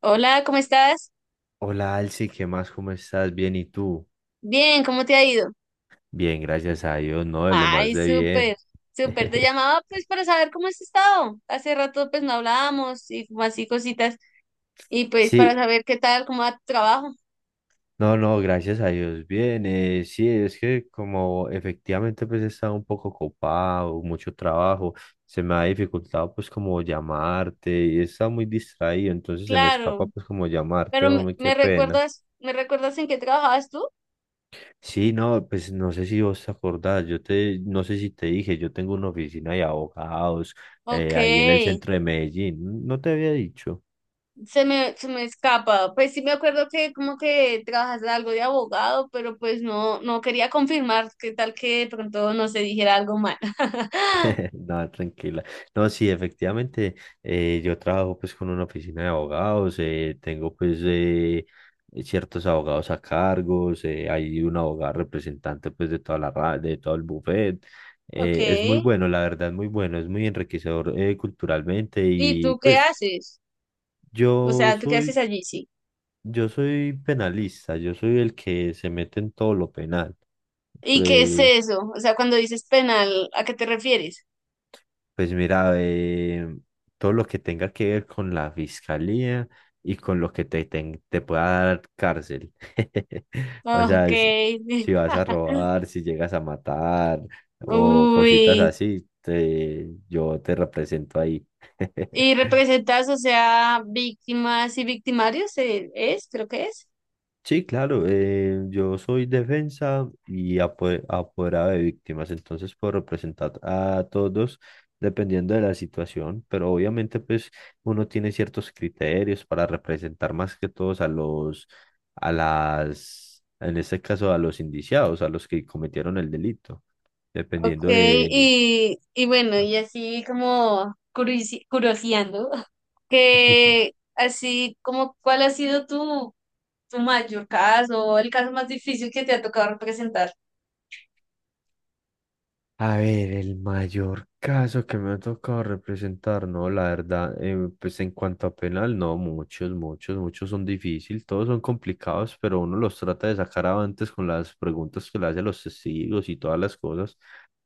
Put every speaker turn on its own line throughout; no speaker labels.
Hola, ¿cómo estás?
Hola Alci, ¿qué más? ¿Cómo estás? Bien, ¿y tú?
Bien, ¿cómo te ha ido?
Bien, gracias a Dios, no, de lo más
Ay,
de
súper,
bien.
súper. Te llamaba pues para saber cómo has estado. Hace rato pues no hablábamos y como así cositas y pues para
Sí,
saber qué tal, cómo va tu trabajo.
no, no, gracias a Dios, bien. Sí, es que como efectivamente pues he estado un poco ocupado, mucho trabajo, se me ha dificultado pues como llamarte y he estado muy distraído, entonces se me escapa
Claro,
pues como llamarte,
pero me,
hombre, qué
me
pena.
recuerdas, ¿me recuerdas en qué trabajabas tú?
Sí, no, pues no sé si vos te acordás, no sé si te dije, yo tengo una oficina de abogados
Ok,
ahí en el centro de Medellín, no te había dicho.
se me escapa. Pues sí me acuerdo que como que trabajas algo de abogado, pero pues no, no quería confirmar qué tal que de pronto no se dijera algo mal.
No, tranquila. No, sí, efectivamente, yo trabajo pues con una oficina de abogados, tengo pues ciertos abogados a cargos, hay un abogado representante pues de toda la ra- de todo el buffet.
Ok,
Es muy bueno, la verdad, muy bueno, es muy enriquecedor culturalmente
¿y
y
tú qué
pues
haces? O
yo
sea, ¿tú qué
soy,
haces allí? Sí.
yo soy penalista, yo soy el que se mete en todo lo penal.
¿Y qué es eso? O sea, cuando dices penal, ¿a qué te refieres?
Pues mira, todo lo que tenga que ver con la fiscalía y con lo que te pueda dar cárcel. O
Ok.
sea, si vas a robar, si llegas a matar o cositas
Uy.
así, yo te represento ahí.
¿Y representas, o sea, víctimas y victimarios? ¿Es? Creo que es.
Sí, claro, yo soy defensa y apoderado de víctimas, entonces puedo representar a todos dependiendo de la situación, pero obviamente pues uno tiene ciertos criterios para representar más que todos a los, en este caso a los indiciados, a los que cometieron el delito,
Ok.
dependiendo de.
Y bueno, y así como curioseando, que así como, ¿cuál ha sido tu, tu mayor caso o el caso más difícil que te ha tocado representar?
A ver, el mayor caso que me ha tocado representar, no, la verdad, pues en cuanto a penal, no, muchos, muchos, muchos son difíciles, todos son complicados, pero uno los trata de sacar avantes con las preguntas que le hacen los testigos y todas las cosas.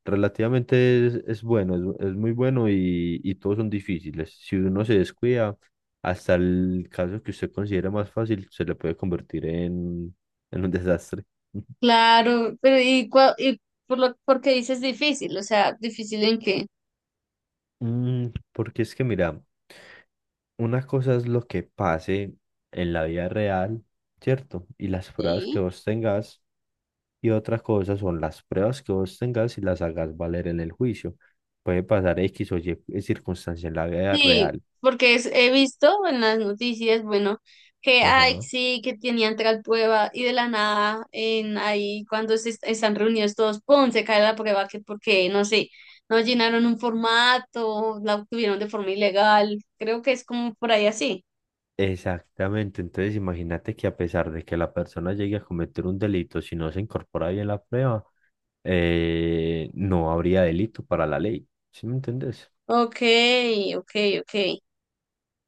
Relativamente es bueno, es muy bueno y todos son difíciles. Si uno se descuida, hasta el caso que usted considere más fácil, se le puede convertir en un desastre.
Claro, pero y, y por lo porque dices difícil, o sea, difícil en qué.
Porque es que mira. Una cosa es lo que pase en la vida real, ¿cierto? Y las pruebas que
Sí.
vos tengas, y otra cosa son las pruebas que vos tengas y las hagas valer en el juicio. Puede pasar X o Y circunstancia en la vida
Sí,
real.
he visto en las noticias, bueno, que ay,
Ajá.
sí, que tenían tal prueba y de la nada, en ahí cuando están reunidos todos, ¡pum! Se cae la prueba que porque, no sé, no llenaron un formato, la obtuvieron de forma ilegal. Creo que es como por ahí así.
Exactamente, entonces imagínate que a pesar de que la persona llegue a cometer un delito, si no se incorpora bien la prueba, no habría delito para la ley, ¿sí me entendés?
Ok, ok, ok.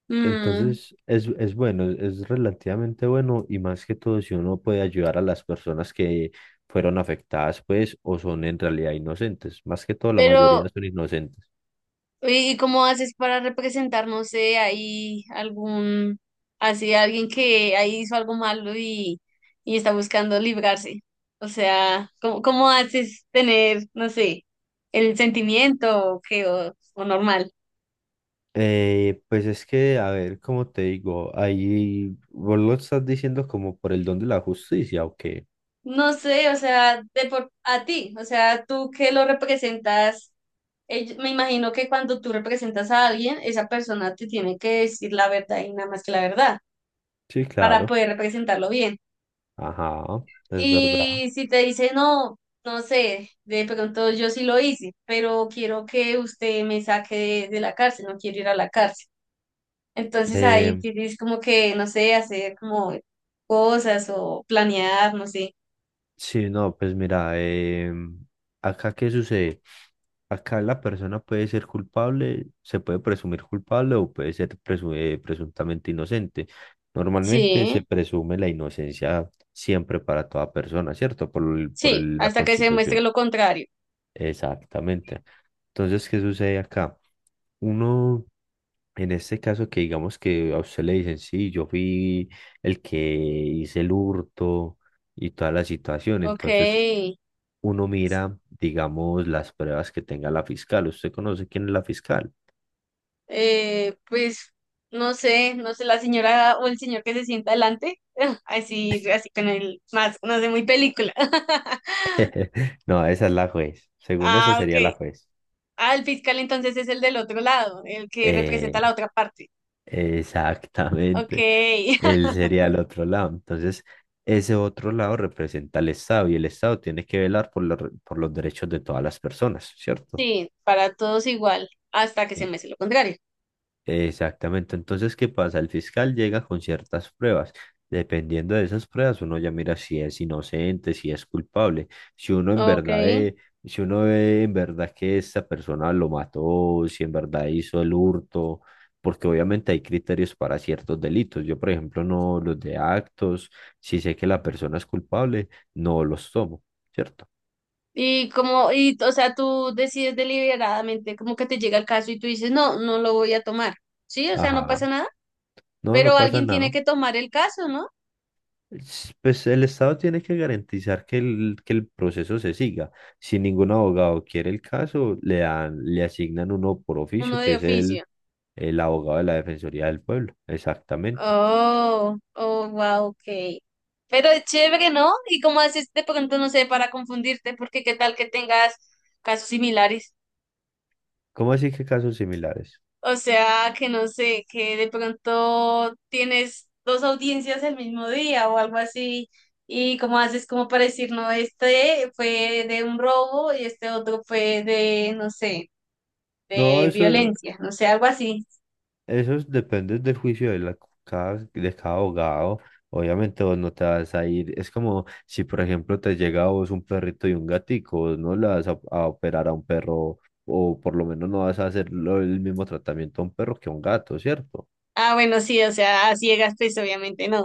Mm,
Entonces es bueno, es relativamente bueno y más que todo si uno puede ayudar a las personas que fueron afectadas pues o son en realidad inocentes, más que todo la mayoría
pero
son inocentes.
¿y cómo haces para representar, no sé, ahí algún, así alguien que ahí hizo algo malo y está buscando librarse? O sea, ¿cómo, cómo haces tener, no sé, el sentimiento o qué, o normal?
Pues es que, a ver, como te digo, ahí vos lo estás diciendo como por el don de la justicia, ¿o qué?
No sé, o sea, de por, a ti, o sea, tú que lo representas, me imagino que cuando tú representas a alguien, esa persona te tiene que decir la verdad y nada más que la verdad
Sí,
para
claro,
poder representarlo bien.
ajá, es verdad.
Y si te dice no, no sé, de pronto yo sí lo hice, pero quiero que usted me saque de la cárcel, no quiero ir a la cárcel. Entonces ahí
Eh,
tienes como que, no sé, hacer como cosas o planear, no sé.
sí, no, pues mira, acá qué sucede. Acá la persona puede ser culpable, se puede presumir culpable o puede ser presuntamente inocente. Normalmente se
Sí,
presume la inocencia siempre para toda persona, ¿cierto? Por, el- por
sí,
el- la
hasta que se muestre
Constitución.
lo contrario.
Exactamente. Entonces, ¿qué sucede acá? Uno, en este caso que digamos que a usted le dicen, sí, yo fui el que hice el hurto y toda la situación,
Ok,
entonces uno mira, digamos, las pruebas que tenga la fiscal. ¿Usted conoce quién es la fiscal?
pues no sé, no sé, la señora o el señor que se sienta adelante, así, así con el más, no sé, muy película.
No, esa es la juez. Según eso
Ah, ok.
sería la juez.
Ah, el fiscal entonces es el del otro lado, el que representa
Eh,
la otra parte. Ok,
exactamente. Él sería el otro lado. Entonces, ese otro lado representa al Estado y el Estado tiene que velar por los derechos de todas las personas, ¿cierto?
sí, para todos igual, hasta que se
E-
me hace lo contrario.
Exactamente. Entonces, ¿qué pasa? El fiscal llega con ciertas pruebas. Dependiendo de esas pruebas, uno ya mira si es inocente, si es culpable. Si uno en
Ok.
verdad ve, si uno ve en verdad que esta persona lo mató, si en verdad hizo el hurto, porque obviamente hay criterios para ciertos delitos. Yo, por ejemplo, no los de actos, si sé que la persona es culpable, no los tomo, ¿cierto?
Y como, y, o sea, tú decides deliberadamente, como que te llega el caso y tú dices, no, no lo voy a tomar. Sí, o sea, no
Ajá.
pasa nada,
No, no
pero
pasa
alguien tiene
nada.
que tomar el caso, ¿no?
Pues el Estado tiene que garantizar que el proceso se siga. Si ningún abogado quiere el caso, le asignan uno por
Uno
oficio, que
de
es el,
oficio.
el abogado de la Defensoría del Pueblo. Exactamente.
Oh, oh, wow, ok. Pero es chévere, ¿no? Y como haces de pronto, no sé, para confundirte, porque qué tal que tengas casos similares.
¿Cómo así que casos similares?
O sea, que no sé, que de pronto tienes dos audiencias el mismo día o algo así, y cómo haces como para decir, no, este fue de un robo y este otro fue de, no sé,
No,
de violencia, no sé, algo así.
Depende del juicio de cada abogado. Obviamente vos no te vas a ir. Es como si, por ejemplo, te llega a vos un perrito y un gatico, vos no le vas a operar a un perro o por lo menos no vas a hacer el mismo tratamiento a un perro que a un gato, ¿cierto?
Ah, bueno, sí, o sea, a ciegas, pues obviamente no.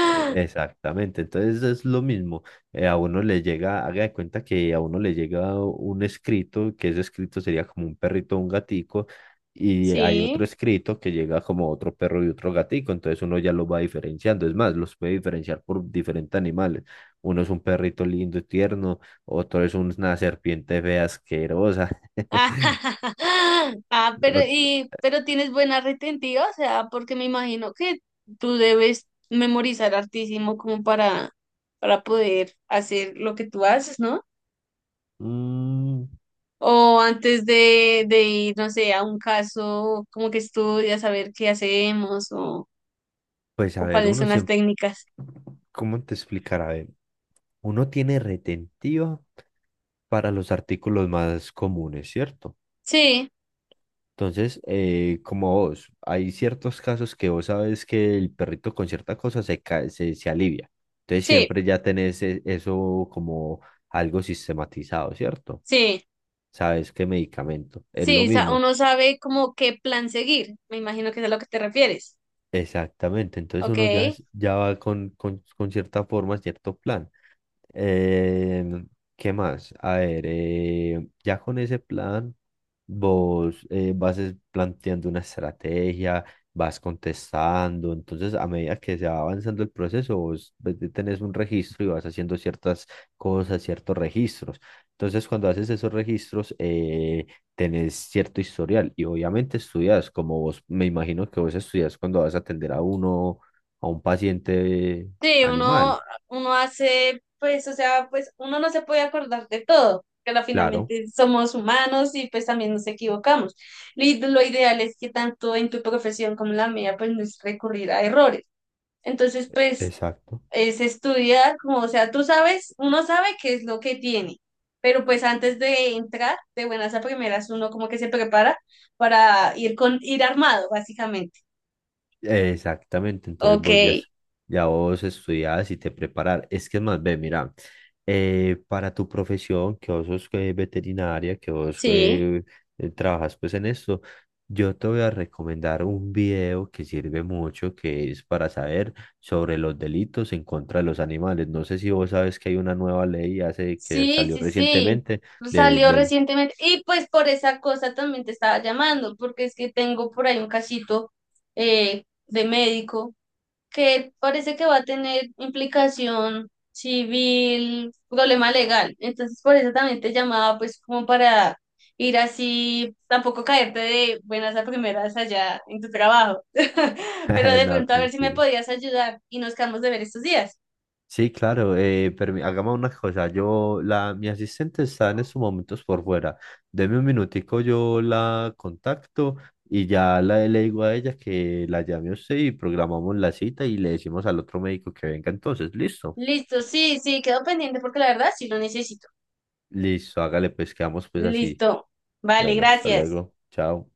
Exactamente, entonces es lo mismo, a uno le llega, haga de cuenta que a uno le llega un escrito, que ese escrito sería como un perrito o un gatico, y hay otro
Sí.
escrito que llega como otro perro y otro gatico, entonces uno ya lo va diferenciando, es más, los puede diferenciar por diferentes animales, uno es un perrito lindo y tierno, otro es una serpiente fea asquerosa,
Ah, ah, pero
ot-
y pero tienes buena retentiva, o sea, porque me imagino que tú debes memorizar hartísimo como para poder hacer lo que tú haces, ¿no?
Mm,
O antes de ir, no sé, a un caso, como que estudias a ver qué hacemos
pues a
o
ver,
cuáles son las técnicas.
¿cómo te explicará? Uno tiene retentiva para los artículos más comunes, ¿cierto?
Sí,
Entonces, como vos, hay ciertos casos que vos sabes que el perrito con cierta cosa se alivia. Entonces,
sí,
siempre ya tenés eso como algo sistematizado, ¿cierto?
sí,
Sabes qué medicamento. Es lo mismo.
uno sabe como qué plan seguir. Me imagino que es a lo que te refieres.
Exactamente. Entonces, uno ya,
Ok.
es- ya va con cierta forma, cierto plan. Eh, ¿qué más? A ver, ya con ese plan, vos vas planteando una estrategia, vas contestando, entonces a medida que se va avanzando el proceso, vos pues, tenés un registro y vas haciendo ciertas cosas, ciertos registros. Entonces, cuando haces esos registros, tenés cierto historial y obviamente estudias, como vos, me imagino que vos estudias cuando vas a atender a un paciente
Sí,
animal.
uno, uno hace, pues, o sea, pues uno no se puede acordar de todo, pero
Claro,
finalmente somos humanos y pues también nos equivocamos. Y lo ideal es que tanto en tu profesión como en la mía, pues no es recurrir a errores. Entonces, pues,
exacto.
es estudiar, como, o sea, tú sabes, uno sabe qué es lo que tiene, pero pues antes de entrar, de buenas a primeras, uno como que se prepara para ir con, ir armado, básicamente.
Exactamente, entonces
Ok,
ya vos estudiás y te preparar. Es que es más, ve, mira, para tu profesión, que vos sos veterinaria, que vos
sí.
trabajas pues en esto, yo te voy a recomendar un video que sirve mucho, que es para saber sobre los delitos en contra de los animales. No sé si vos sabes que hay una nueva ley que
Sí,
salió
sí, sí.
recientemente de,
Salió
del...
recientemente. Y pues por esa cosa también te estaba llamando, porque es que tengo por ahí un casito de médico que parece que va a tener implicación civil, problema legal. Entonces por eso también te llamaba, pues como para ir así, tampoco caerte de buenas a primeras allá en tu trabajo. Pero de
No,
pronto a ver si me
tranquilo.
podías ayudar y nos quedamos de ver estos días.
Sí, claro, hagamos una cosa, mi asistente está en estos momentos por fuera, deme un minutico, yo la contacto y ya le digo a ella que la llame a usted y programamos la cita y le decimos al otro médico que venga entonces, listo,
Listo, sí, sí, quedó pendiente porque la verdad sí lo necesito.
listo, hágale pues, quedamos pues así,
Listo. Vale,
bueno, hasta
gracias.
luego, chao.